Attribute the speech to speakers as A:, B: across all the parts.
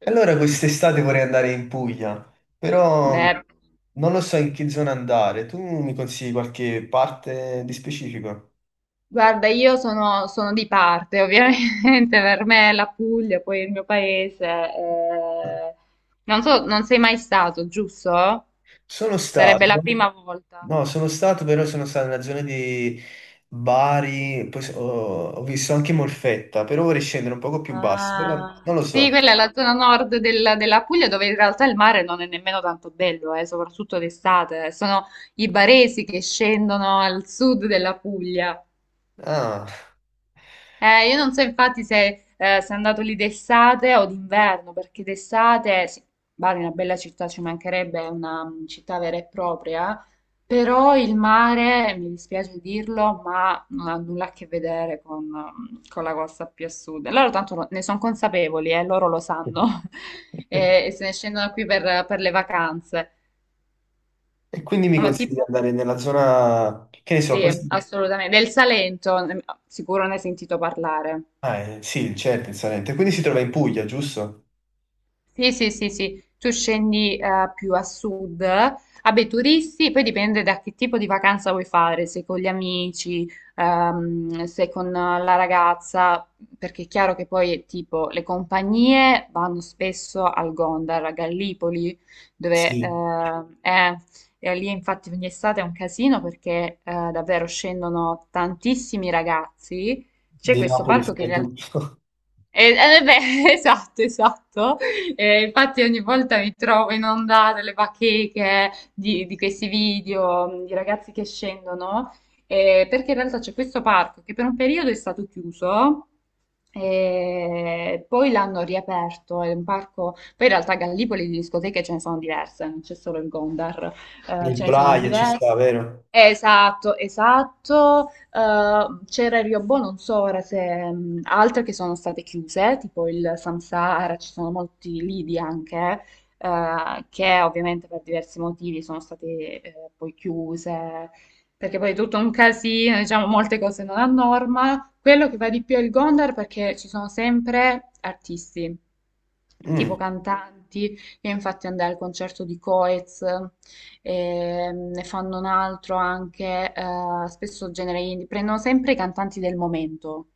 A: Allora quest'estate vorrei andare in Puglia, però
B: Beh,
A: non lo so in che zona andare. Tu mi consigli qualche parte di specifico?
B: guarda, io sono di parte, ovviamente, per me la Puglia, poi il mio paese. Non so, non sei mai stato, giusto?
A: Sono
B: Sarebbe la
A: stato,
B: prima volta.
A: no, sono stato, però sono stato nella zona di Bari, poi ho, ho visto anche Molfetta, però vorrei scendere un poco più basso, però non
B: Ah,
A: lo
B: sì,
A: so.
B: quella è la zona nord della Puglia dove in realtà il mare non è nemmeno tanto bello, soprattutto d'estate. Sono i baresi che scendono al sud della Puglia.
A: Ah.
B: Io non so infatti se sei andato lì d'estate o d'inverno, perché d'estate, sì, Bari è una bella città, ci mancherebbe, è una città vera e propria, però il mare, mi dispiace dirlo, ma non ha nulla a che vedere con, con la costa più a sud. E loro tanto ne sono consapevoli, loro lo sanno, e se ne scendono qui per le vacanze.
A: E quindi mi
B: No, ma
A: consigli di
B: tipo,
A: andare nella zona, che ne so,
B: sì,
A: forse...
B: assolutamente, del Salento, sicuro ne hai sentito parlare.
A: Ah, sì, certo, in Salento. Quindi si trova in Puglia, giusto?
B: Sì, sì, sì, sì, tu scendi più a sud, vabbè, turisti, poi dipende da che tipo di vacanza vuoi fare, se con gli amici, se con la ragazza, perché è chiaro che poi è tipo le compagnie vanno spesso al Gondar, a Gallipoli, dove
A: Sì,
B: e lì infatti ogni estate è un casino perché davvero scendono tantissimi ragazzi, c'è
A: di
B: questo
A: Napoli
B: parco che in realtà
A: soprattutto.
B: beh, esatto, esatto. Infatti ogni volta mi trovo inondata le bacheche di questi video di ragazzi che scendono, perché in realtà c'è questo parco che per un periodo è stato chiuso e poi l'hanno riaperto, è un parco, poi in realtà a Gallipoli di discoteche ce ne sono diverse, non c'è solo il Gondar,
A: Il
B: ce ne sono
A: Praia ci
B: diverse.
A: sta, vero?
B: Esatto, esatto. C'era il Riobò, non so ora se altre che sono state chiuse, tipo il Samsara, ci sono molti lidi anche, che ovviamente per diversi motivi sono state poi chiuse, perché poi è tutto un casino, diciamo molte cose non a norma. Quello che va di più è il Gondar perché ci sono sempre artisti, tipo
A: Mm.
B: cantanti. Io infatti andai al concerto di Coez, ne fanno un altro anche, spesso genere indie, prendono sempre i cantanti del momento.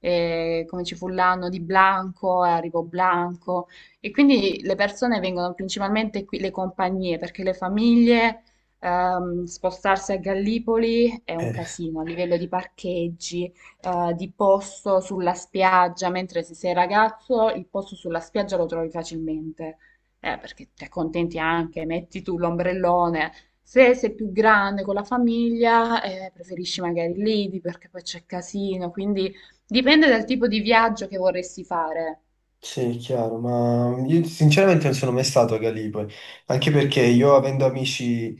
B: Come ci fu l'anno di Blanco, arrivò Blanco e quindi le persone vengono principalmente qui, le compagnie, perché le famiglie spostarsi a Gallipoli è un
A: Eh,
B: casino a livello di parcheggi, di posto sulla spiaggia, mentre se sei ragazzo il posto sulla spiaggia lo trovi facilmente, perché ti accontenti anche, metti tu l'ombrellone. Se sei più grande con la famiglia, preferisci magari l'IDI perché poi c'è casino, quindi dipende dal tipo di viaggio che vorresti fare,
A: sì, è chiaro, ma io sinceramente non sono mai stato a Gallipoli, anche perché io avendo amici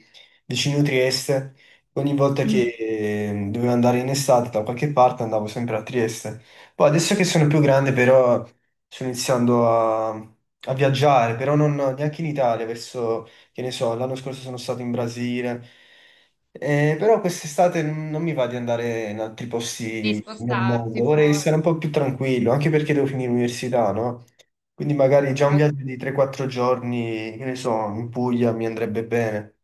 A: vicino Trieste, ogni volta
B: Mm.
A: che dovevo andare in estate da qualche parte andavo sempre a Trieste. Poi adesso che sono più grande però sto iniziando a viaggiare, però non neanche in Italia, verso che ne so, l'anno scorso sono stato in Brasile. Però quest'estate non mi va di andare in altri
B: di
A: posti nel mondo,
B: spostarti
A: vorrei stare
B: fuori.
A: un po' più tranquillo, anche perché devo finire l'università, no? Quindi magari già un
B: Ok.
A: viaggio di 3-4 giorni, che ne so, in Puglia mi andrebbe bene.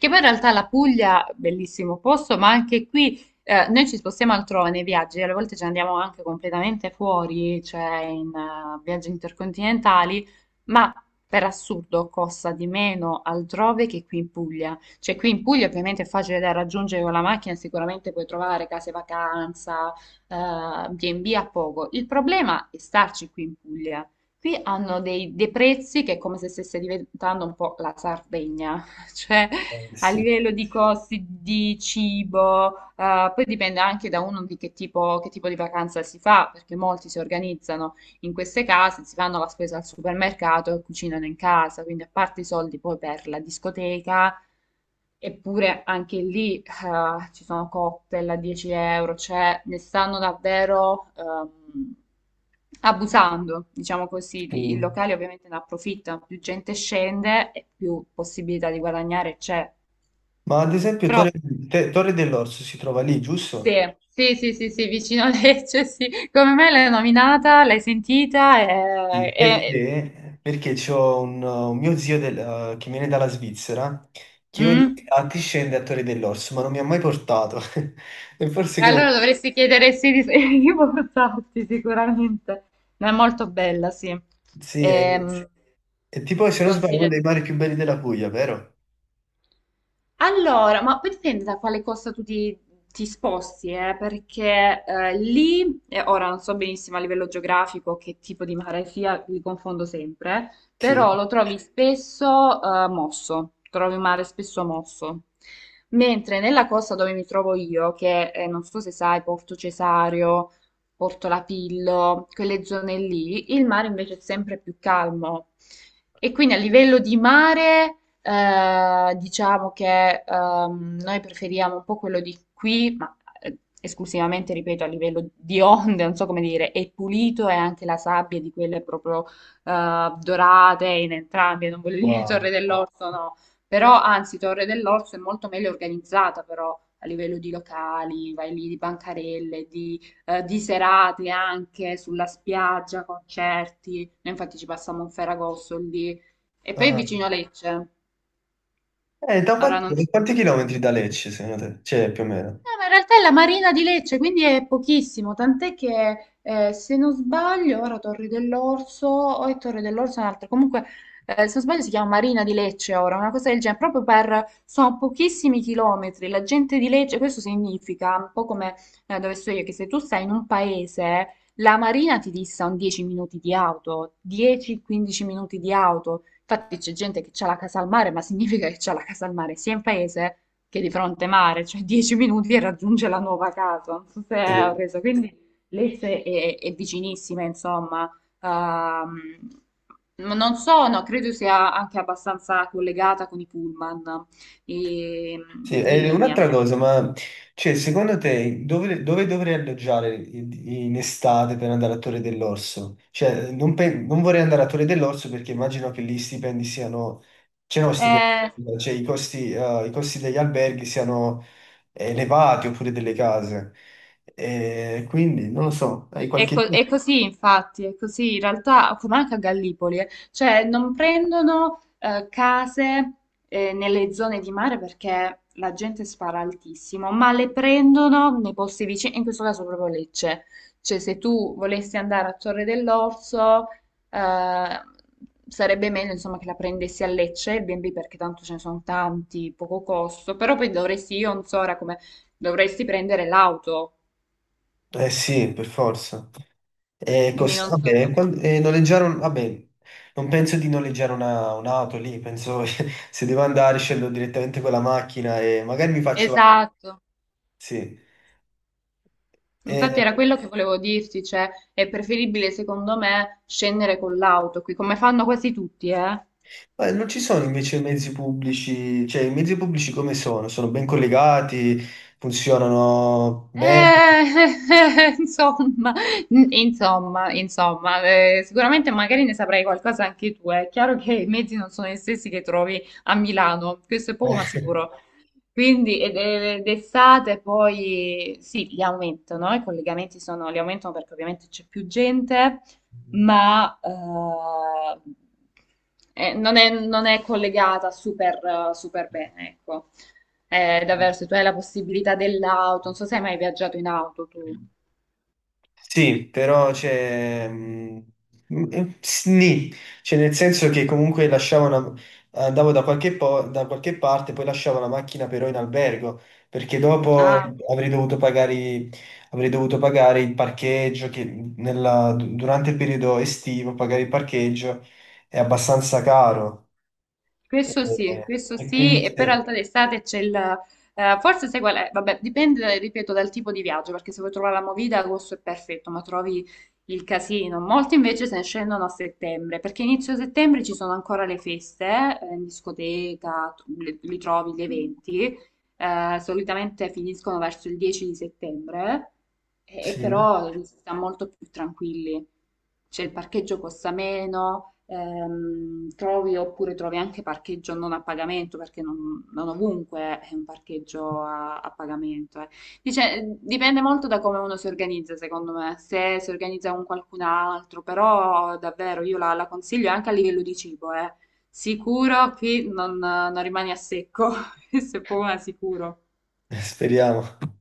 B: Che poi in realtà la Puglia, bellissimo posto, ma anche qui noi ci spostiamo altrove nei viaggi, alle volte ci andiamo anche completamente fuori, cioè in viaggi intercontinentali, ma per assurdo costa di meno altrove che qui in Puglia. Cioè qui in Puglia ovviamente è facile da raggiungere con la macchina, sicuramente puoi trovare case vacanza, B&B a poco. Il problema è starci qui in Puglia. Qui hanno dei prezzi che è come se stesse diventando un po' la Sardegna, cioè a
A: Sì.
B: livello di costi di cibo, poi dipende anche da uno di che tipo di vacanza si fa, perché molti si organizzano in queste case, si fanno la spesa al supermercato e cucinano in casa, quindi a parte i soldi poi per la discoteca, eppure anche lì ci sono cocktail a 10 euro, cioè ne stanno davvero abusando, diciamo così, i
A: Mm.
B: locali ovviamente ne approfittano, più gente scende e più possibilità di guadagnare c'è.
A: Ma ad esempio
B: Però,
A: Torre, Torre dell'Orso si trova lì,
B: sì,
A: giusto?
B: sì, sì, sì, sì, vicino a Lecce, sì. Come me l'hai nominata, l'hai sentita
A: Sì.
B: e...
A: Perché, perché c'ho un mio zio che viene dalla Svizzera che ogni
B: mm?
A: tanto scende a Torre dell'Orso, ma non mi ha mai portato. E forse che ne...
B: Allora
A: so.
B: dovresti chiedere se di, di portarti sicuramente. Ma è molto bella, sì.
A: Sì,
B: Ehm,
A: è tipo, se non sbaglio, uno
B: consiglio.
A: dei mari più belli della Puglia, vero?
B: Allora, ma poi dipende da quale costa ti sposti, perché lì, ora non so benissimo a livello geografico che tipo di mare sia, li confondo sempre,
A: Sì.
B: però lo trovi spesso mosso, trovi un mare spesso mosso. Mentre nella costa dove mi trovo io, che non so se sai, Porto Cesario, Porto Lapillo, quelle zone lì, il mare invece è sempre più calmo. E quindi a livello di mare... diciamo che noi preferiamo un po' quello di qui, ma esclusivamente, ripeto, a livello di onde, non so come dire, è pulito e anche la sabbia di quelle proprio dorate in entrambi, non voglio dire Torre
A: Wow.
B: dell'Orso, no, però anzi Torre dell'Orso è molto meglio organizzata però. A livello di locali, vai lì di bancarelle, di serate anche sulla spiaggia, concerti. Noi infatti ci passiamo un Ferragosto lì. E poi è
A: Ah.
B: vicino a Lecce. Ora
A: Da
B: non... so.
A: quanti chilometri da Lecce, secondo te? Cioè, più o meno.
B: No, ma in realtà è la Marina di Lecce, quindi è pochissimo, tant'è che se non sbaglio, ora Torri dell'Orso, o è Torre dell'Orso, è un'altra, comunque se non sbaglio si chiama Marina di Lecce ora, una cosa del genere, proprio per, sono pochissimi chilometri, la gente di Lecce, questo significa, un po' come dove sto io, che se tu stai in un paese, la Marina ti dista un 10 minuti di auto, 10-15 minuti di auto, infatti c'è gente che ha la casa al mare, ma significa che ha la casa al mare sia in paese che è di fronte mare, cioè 10 minuti e raggiunge la nuova casa, non so se ho
A: Sì.
B: reso, quindi l'Esse è vicinissima, insomma. Non so, no, credo sia anche abbastanza collegata con i pullman e-
A: Sì,
B: di
A: e
B: linea.
A: un'altra cosa, ma cioè, secondo te dove, dove dovrei alloggiare in, in estate per andare a Torre dell'Orso? Cioè, non, non vorrei andare a Torre dell'Orso perché immagino che lì i stipendi siano, cioè, no, stipendi,
B: Eh,
A: cioè i costi degli alberghi siano elevati oppure delle case. E quindi, non lo so, hai
B: È,
A: qualche idea?
B: è così, infatti, è così. In realtà, come anche a Gallipoli, cioè non prendono case nelle zone di mare perché la gente spara altissimo, ma le prendono nei posti vicini, in questo caso proprio Lecce. Cioè, se tu volessi andare a Torre dell'Orso, eh, sarebbe meglio, insomma, che la prendessi a Lecce, il B&B, perché tanto ce ne sono tanti, poco costo, però poi dovresti, io non so ora come, dovresti prendere l'auto,
A: Eh sì, per forza. E
B: quindi
A: costa,
B: non so
A: vabbè,
B: come...
A: e noleggiare vabbè, non penso di noleggiare un'auto lì, penso se devo andare scendo direttamente con la macchina e magari mi faccio...
B: Esatto,
A: Sì.
B: infatti
A: E-
B: era quello che volevo dirti, cioè è preferibile secondo me scendere con l'auto qui, come fanno quasi tutti, eh?
A: ma non ci sono invece mezzi pubblici, cioè i mezzi pubblici come sono? Sono ben collegati, funzionano bene?
B: Eh, insomma, insomma, sicuramente magari ne saprai qualcosa anche tu. Eh. È chiaro che i mezzi non sono gli stessi che trovi a Milano, questo è poco ma sicuro. Quindi d'estate poi sì, li aumentano, i collegamenti sono, li aumentano perché ovviamente c'è più gente, ma non non è collegata super, super bene, ecco. Davvero, se tu hai la possibilità dell'auto, non so se hai mai viaggiato in auto tu.
A: Sì, però c'è... mm, mm, Sni, cioè nel senso che comunque lasciavo andavo da qualche, da qualche parte, poi lasciavo la macchina però in albergo, perché dopo
B: Ah,
A: avrei dovuto pagare, avrei dovuto pagare il parcheggio, che durante il periodo estivo pagare il parcheggio è abbastanza caro. E,
B: questo
A: e
B: sì,
A: quindi
B: e poi in realtà d'estate c'è il... forse sai qual è? Vabbè, dipende, ripeto, dal tipo di viaggio, perché se vuoi trovare la movida, agosto è perfetto, ma trovi il casino. Molti invece se ne scendono a settembre, perché inizio settembre ci sono ancora le feste, in discoteca, li trovi gli eventi, solitamente finiscono verso il 10 di settembre, e
A: sì,
B: però si sta molto più tranquilli. Cioè il parcheggio costa meno, trovi oppure trovi anche parcheggio non a pagamento, perché non, non ovunque è un parcheggio a, a pagamento. Eh. Dice, dipende molto da come uno si organizza, secondo me, se si organizza con qualcun altro, però davvero io la consiglio anche a livello di cibo, eh. Sicuro qui non, non rimani a secco. Questo è poco ma sicuro.
A: speriamo.